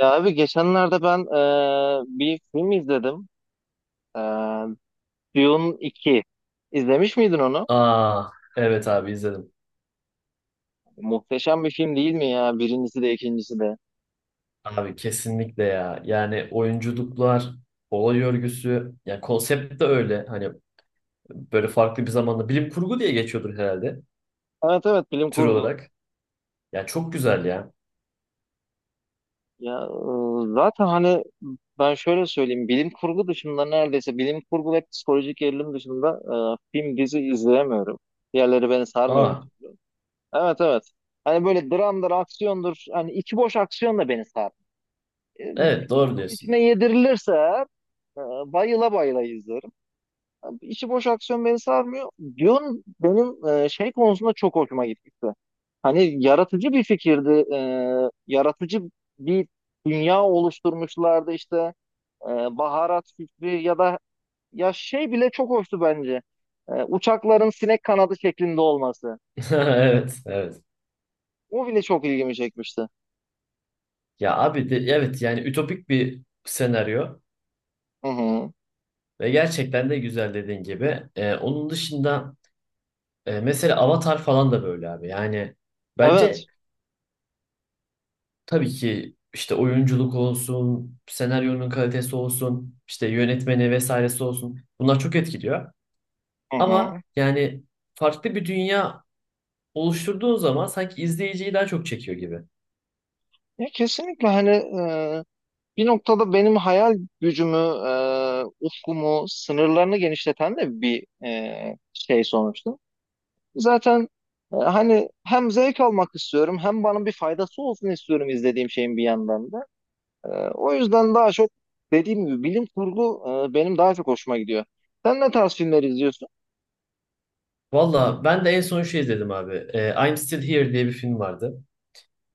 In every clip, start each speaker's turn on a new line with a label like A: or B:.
A: Ya abi geçenlerde ben bir film izledim. Eee Dune 2. İzlemiş miydin onu?
B: Aa, evet abi izledim.
A: Muhteşem bir film değil mi ya? Birincisi de ikincisi de.
B: Abi kesinlikle ya. Yani oyunculuklar, olay örgüsü, yani konsept de öyle. Hani böyle farklı bir zamanda bilim kurgu diye geçiyordur herhalde
A: Evet, evet, bilim
B: tür
A: kurgu.
B: olarak. Ya çok güzel ya.
A: Ya, zaten hani ben şöyle söyleyeyim. Bilim kurgu dışında, neredeyse bilim kurgu ve psikolojik gerilim dışında film dizi izleyemiyorum. Diğerleri beni sarmıyor bir
B: Aa,
A: türlü. Evet, evet. Hani böyle dramdır, aksiyondur. Hani içi boş aksiyon da beni sarmıyor. Bilim
B: evet doğru diyorsun.
A: içine yedirilirse Ee, bayıla bayıla izlerim. Yani İçi boş aksiyon beni sarmıyor. Dune benim şey konusunda çok hoşuma gitmişti. Hani yaratıcı bir fikirdi. Yaratıcı bir dünya oluşturmuşlardı işte. Ee, Baharat fikri ya da ya şey bile çok hoştu bence. Uçakların sinek kanadı şeklinde olması.
B: Evet, evet.
A: O bile çok ilgimi çekmişti.
B: Ya abi de, evet yani ütopik bir senaryo
A: Hı hı.
B: ve gerçekten de güzel dediğin gibi. Onun dışında mesela Avatar falan da böyle abi. Yani bence
A: Evet.
B: Tabii ki işte oyunculuk olsun, senaryonun kalitesi olsun, işte yönetmeni vesairesi olsun. Bunlar çok etkiliyor.
A: Hı
B: Ama
A: hı.
B: yani farklı bir dünya oluşturduğun zaman sanki izleyiciyi daha çok çekiyor gibi.
A: Ya kesinlikle hani bir noktada benim hayal gücümü, ufkumu, sınırlarını genişleten de bir şey sonuçta. Zaten hani hem zevk almak istiyorum hem bana bir faydası olsun istiyorum izlediğim şeyin bir yandan da. E, O yüzden daha çok dediğim gibi bilim kurgu benim daha çok hoşuma gidiyor. Sen ne tarz filmler izliyorsun?
B: Valla ben de en son şey izledim abi. I'm Still Here diye bir film vardı.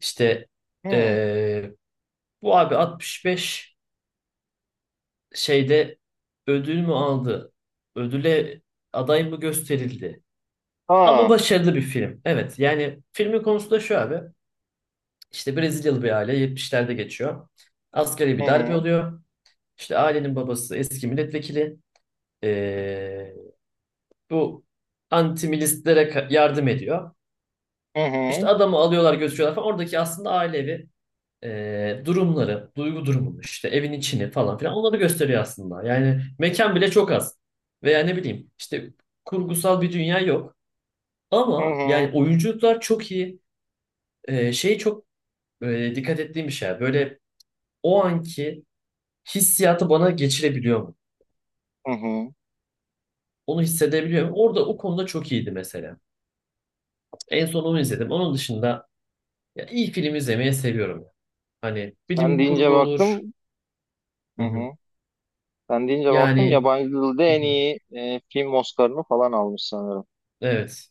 B: İşte
A: Hmm.
B: ee, bu abi 65 şeyde ödül mü aldı? Ödüle aday mı gösterildi? Ama
A: Aa.
B: başarılı bir film. Evet yani filmin konusu da şu abi. İşte Brezilyalı bir aile 70'lerde geçiyor. Asgari
A: Hı
B: bir darbe
A: hı.
B: oluyor. İşte ailenin babası eski milletvekili. Ee, bu anti-milistlere yardım ediyor.
A: Hı
B: İşte
A: hı.
B: adamı alıyorlar götürüyorlar falan. Oradaki aslında ailevi durumları, duygu durumunu işte evin içini falan filan onları gösteriyor aslında. Yani mekan bile çok az. Veya ne bileyim işte kurgusal bir dünya yok.
A: Hı
B: Ama
A: hı.
B: yani oyunculuklar çok iyi. Şey çok dikkat ettiğim bir şey. Böyle o anki hissiyatı bana geçirebiliyor mu?
A: Hı hı.
B: Onu hissedebiliyor muyum? Orada o konuda çok iyiydi mesela. En son onu izledim. Onun dışında ya iyi film izlemeyi seviyorum. Hani
A: Sen
B: bilim
A: deyince
B: kurgu olur.
A: baktım. Hı
B: Hı hı.
A: hı. Sen deyince baktım,
B: Yani
A: yabancı dilde
B: hı hı.
A: en iyi film Oscar'ını falan almış sanırım.
B: Evet.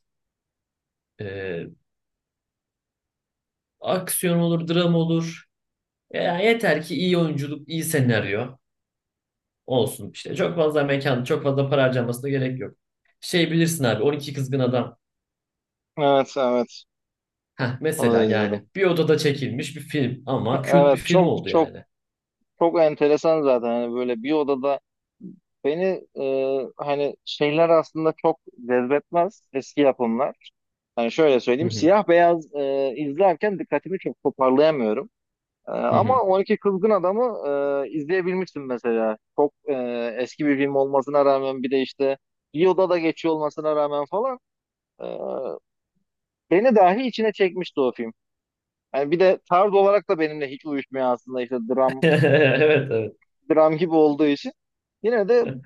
B: Ee, aksiyon olur, dram olur. Ya yeter ki iyi oyunculuk, iyi senaryo olsun işte. Çok fazla mekan, çok fazla para harcamasına gerek yok. Şey bilirsin abi 12 Kızgın Adam.
A: Evet, evet,
B: Heh,
A: onu da
B: mesela
A: izledim.
B: yani bir odada çekilmiş bir film ama kült bir
A: Evet,
B: film
A: çok
B: oldu
A: çok
B: yani.
A: çok enteresan zaten, hani böyle bir odada beni hani şeyler aslında çok cezbetmez, eski yapımlar. Hani şöyle
B: Hı
A: söyleyeyim,
B: hı.
A: siyah beyaz izlerken dikkatimi çok toparlayamıyorum.
B: Hı
A: Ama
B: hı.
A: 12 Kızgın Adam'ı izleyebilmiştim mesela. Çok eski bir film olmasına rağmen, bir de işte bir odada geçiyor olmasına rağmen falan, Ee, beni dahi içine çekmişti o film. Yani bir de tarz olarak da benimle hiç uyuşmuyor aslında, işte dram
B: Evet
A: dram gibi olduğu için. Yine de
B: evet.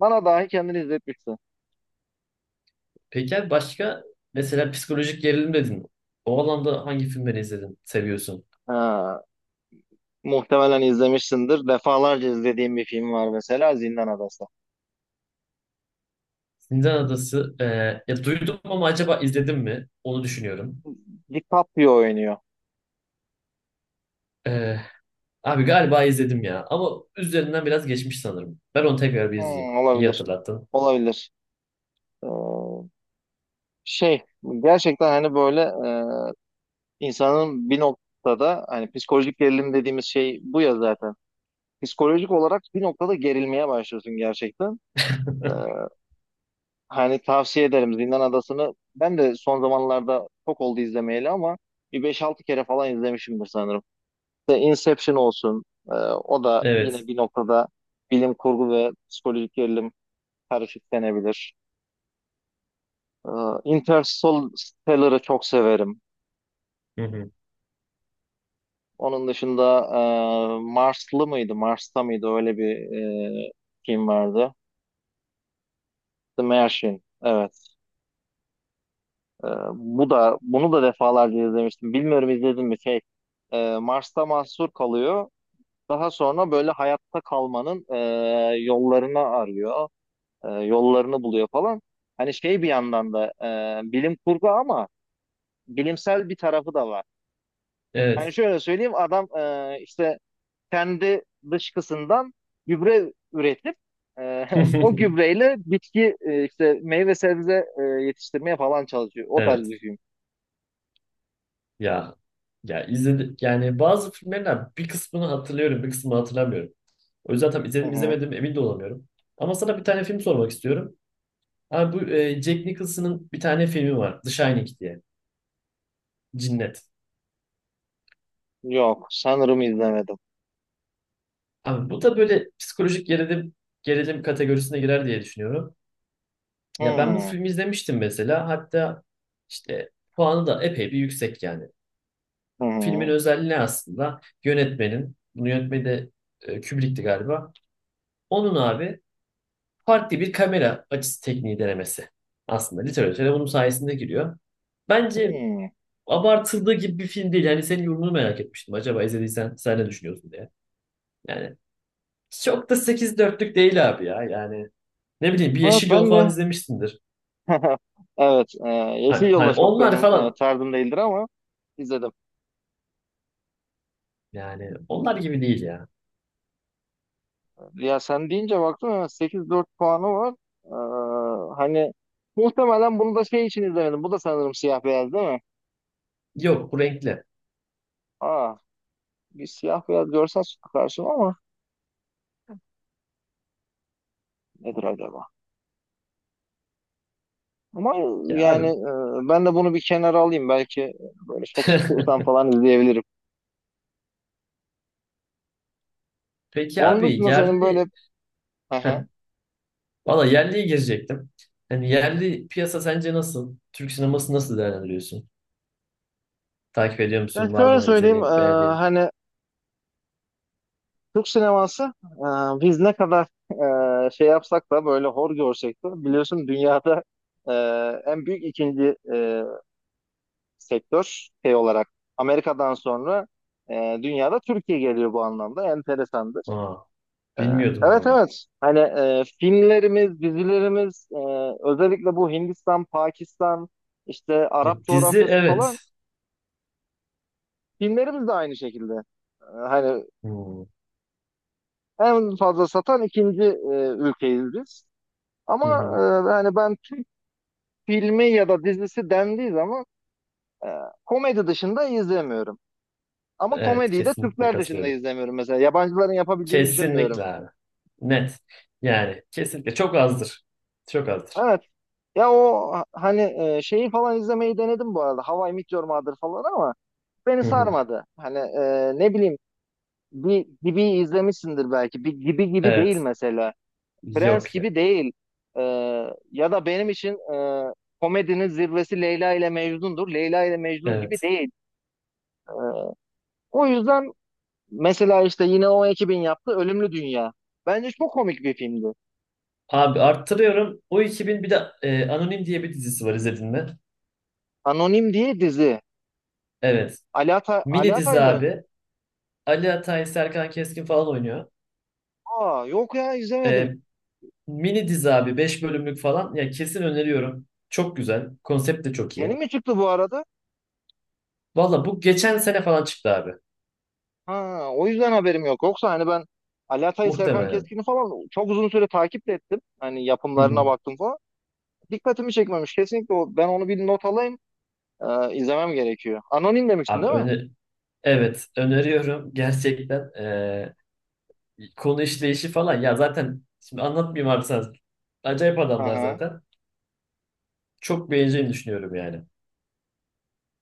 A: bana dahi kendini izletmişti.
B: Peki abi başka mesela psikolojik gerilim dedin. O alanda hangi filmleri izledin, seviyorsun?
A: Ee, Muhtemelen izlemişsindir. Defalarca izlediğim bir film var mesela, Zindan Adası.
B: Zindan Adası. Ya duydum ama acaba izledim mi? Onu düşünüyorum.
A: DiCaprio oynuyor.
B: E, abi galiba izledim ya. Ama üzerinden biraz geçmiş sanırım. Ben onu tekrar bir izleyeyim. İyi
A: Olabilir.
B: hatırlattın.
A: Olabilir. Ee, Şey, gerçekten hani böyle insanın bir noktada, hani psikolojik gerilim dediğimiz şey bu ya zaten. Psikolojik olarak bir noktada gerilmeye başlıyorsun gerçekten. Ee, Hani tavsiye ederim Zindan Adası'nı. Ben de son zamanlarda çok oldu izlemeyeli, ama bir beş altı kere falan izlemişimdir sanırım. İşte Inception olsun. O da yine
B: Evet.
A: bir noktada bilim kurgu ve psikolojik gerilim karışık denebilir. Ee, Interstellar'ı çok severim.
B: Hı hı.
A: Onun dışında Marslı mıydı, Mars'ta mıydı, öyle bir e, film vardı. The Martian, evet. Ee, Bu da, bunu da defalarca izlemiştim. Bilmiyorum izledim mi şey. Mars'ta mahsur kalıyor. Daha sonra böyle hayatta kalmanın yollarını arıyor. Yollarını buluyor falan. Hani şey, bir yandan da bilim kurgu ama bilimsel bir tarafı da var. Hani
B: Evet.
A: şöyle söyleyeyim, adam işte kendi dışkısından gübre üretip e, o gübreyle bitki işte meyve sebze yetiştirmeye falan çalışıyor. O tarz
B: Evet.
A: bir film.
B: Ya ya izledim yani bazı filmlerden bir kısmını hatırlıyorum, bir kısmını hatırlamıyorum. O yüzden tam
A: Hı
B: izledim
A: hı.
B: izlemedim emin de olamıyorum. Ama sana bir tane film sormak istiyorum. Abi bu Jack Nicholson'ın bir tane filmi var. The Shining diye. Cinnet.
A: Yok, sanırım izlemedim.
B: Abi bu da böyle psikolojik gerilim kategorisine girer diye düşünüyorum. Ya ben bu
A: Hmm.
B: filmi izlemiştim mesela. Hatta işte puanı da epey bir yüksek yani.
A: Hı
B: Filmin
A: hı.
B: özelliği ne aslında? Yönetmenin, bunu yönetmeni de Kubrick'ti galiba. Onun abi farklı bir kamera açısı tekniği denemesi. Aslında literatüre bunun sayesinde giriyor. Bence
A: Hmm.
B: abartıldığı gibi bir film değil. Yani senin yorumunu merak etmiştim. Acaba izlediysen sen ne düşünüyorsun diye. Yani çok da 8,4'lük değil abi ya. Yani ne bileyim bir
A: Evet,
B: Yeşil Yol
A: ben
B: falan
A: de.
B: izlemişsindir.
A: Evet, Yeşil
B: Hani,
A: Yolda
B: hani
A: çok
B: onlar
A: benim
B: falan
A: tarzım değildir ama izledim.
B: yani onlar gibi değil ya.
A: Ya, sen deyince baktım ya, 8,4 puanı var. Hani muhtemelen bunu da şey için izlemedim. Bu da sanırım siyah beyaz değil mi?
B: Yok bu renkli.
A: Aa, bir siyah beyaz görsen karşıma ama, nedir acaba? Ama
B: Ya
A: yani
B: abi.
A: ben de bunu bir kenara alayım. Belki böyle çok sıkılsam falan izleyebilirim.
B: Peki
A: Onun
B: abi
A: dışında senin böyle
B: yerli Heh, valla yerliye girecektim. Hani yerli piyasa sence nasıl? Türk sineması nasıl değerlendiriyorsun? Takip ediyor
A: Ben
B: musun? Var
A: şöyle
B: mı
A: söyleyeyim,
B: izlediğin, beğendiğin?
A: hani Türk sineması, biz ne kadar şey yapsak da, böyle hor görsek de, biliyorsun dünyada e, en büyük ikinci sektör şey olarak, Amerika'dan sonra dünyada Türkiye geliyor, bu anlamda enteresandır.
B: Aa,
A: E,
B: bilmiyordum
A: evet,
B: vallahi.
A: evet, hani filmlerimiz, dizilerimiz, özellikle bu Hindistan, Pakistan, işte
B: Ya,
A: Arap
B: dizi
A: coğrafyası
B: evet.
A: falan, filmlerimiz de aynı şekilde. Hani
B: Hmm.
A: en fazla satan ikinci ülkeyiz biz. Ama
B: Hı hı.
A: e, hani ben Türk filmi ya da dizisi dendiği zaman e, komedi dışında izlemiyorum. Ama
B: Evet
A: komediyi de
B: kesinlikle
A: Türkler dışında
B: katılıyorum.
A: izlemiyorum mesela. Yabancıların yapabildiğini düşünmüyorum.
B: Kesinlikle abi. Net. Yani kesinlikle çok azdır. Çok azdır.
A: Evet. Ya o hani şeyi falan izlemeyi denedim bu arada. How I Met Your Mother falan ama beni
B: Hı hı.
A: sarmadı. Hani ne bileyim, bir gibi izlemişsindir belki. Bir gibi gibi değil
B: Evet.
A: mesela. Prens
B: Yok ya.
A: gibi değil. Ee, Ya da benim için komedinin zirvesi Leyla ile Mecnun'dur. Leyla ile Mecnun gibi
B: Evet.
A: değil. O yüzden mesela işte yine o ekibin yaptığı Ölümlü Dünya. Bence çok komik bir filmdi.
B: Abi arttırıyorum. O 2001 de Anonim diye bir dizisi var izledin mi?
A: Anonim diye dizi.
B: Evet.
A: Ali
B: Mini dizi
A: Ataylar'ın.
B: abi. Ali Atay, Serkan Keskin falan oynuyor.
A: Aa, yok ya,
B: E,
A: izlemedim.
B: Mini dizi abi 5 bölümlük falan. Ya kesin öneriyorum. Çok güzel. Konsept de çok
A: Yeni
B: iyi.
A: mi çıktı bu arada?
B: Valla bu geçen sene falan çıktı abi.
A: Ha, o yüzden haberim yok. Yoksa hani ben Ali Atay, Serkan
B: Muhtemelen.
A: Keskin'i falan çok uzun süre takip de ettim. Hani
B: Hı hı.
A: yapımlarına baktım falan. Dikkatimi çekmemiş. Kesinlikle o, ben onu bir not alayım. İzlemem gerekiyor. Anonim demiştin
B: Abi
A: değil mi?
B: evet öneriyorum gerçekten. Konu işleyişi falan ya zaten şimdi anlatmayayım abi sen. Acayip
A: Hı
B: adamlar
A: hı.
B: zaten. Çok beğeneceğini düşünüyorum yani.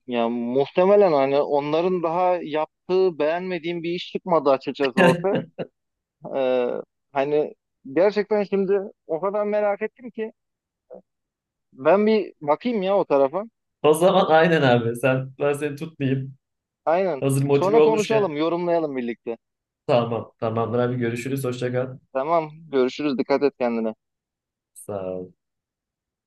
A: Ya muhtemelen hani onların daha yaptığı beğenmediğim bir iş çıkmadı açıkçası ortaya. Ee, Hani gerçekten şimdi o kadar merak ettim ki ben bir bakayım ya o tarafa.
B: O zaman aynen abi. Sen ben seni tutmayayım.
A: Aynen.
B: Hazır motive
A: Sonra
B: olmuşken.
A: konuşalım, yorumlayalım birlikte.
B: Tamam. Tamamdır abi görüşürüz. Hoşça kal.
A: Tamam, görüşürüz. Dikkat et kendine.
B: Sağ ol.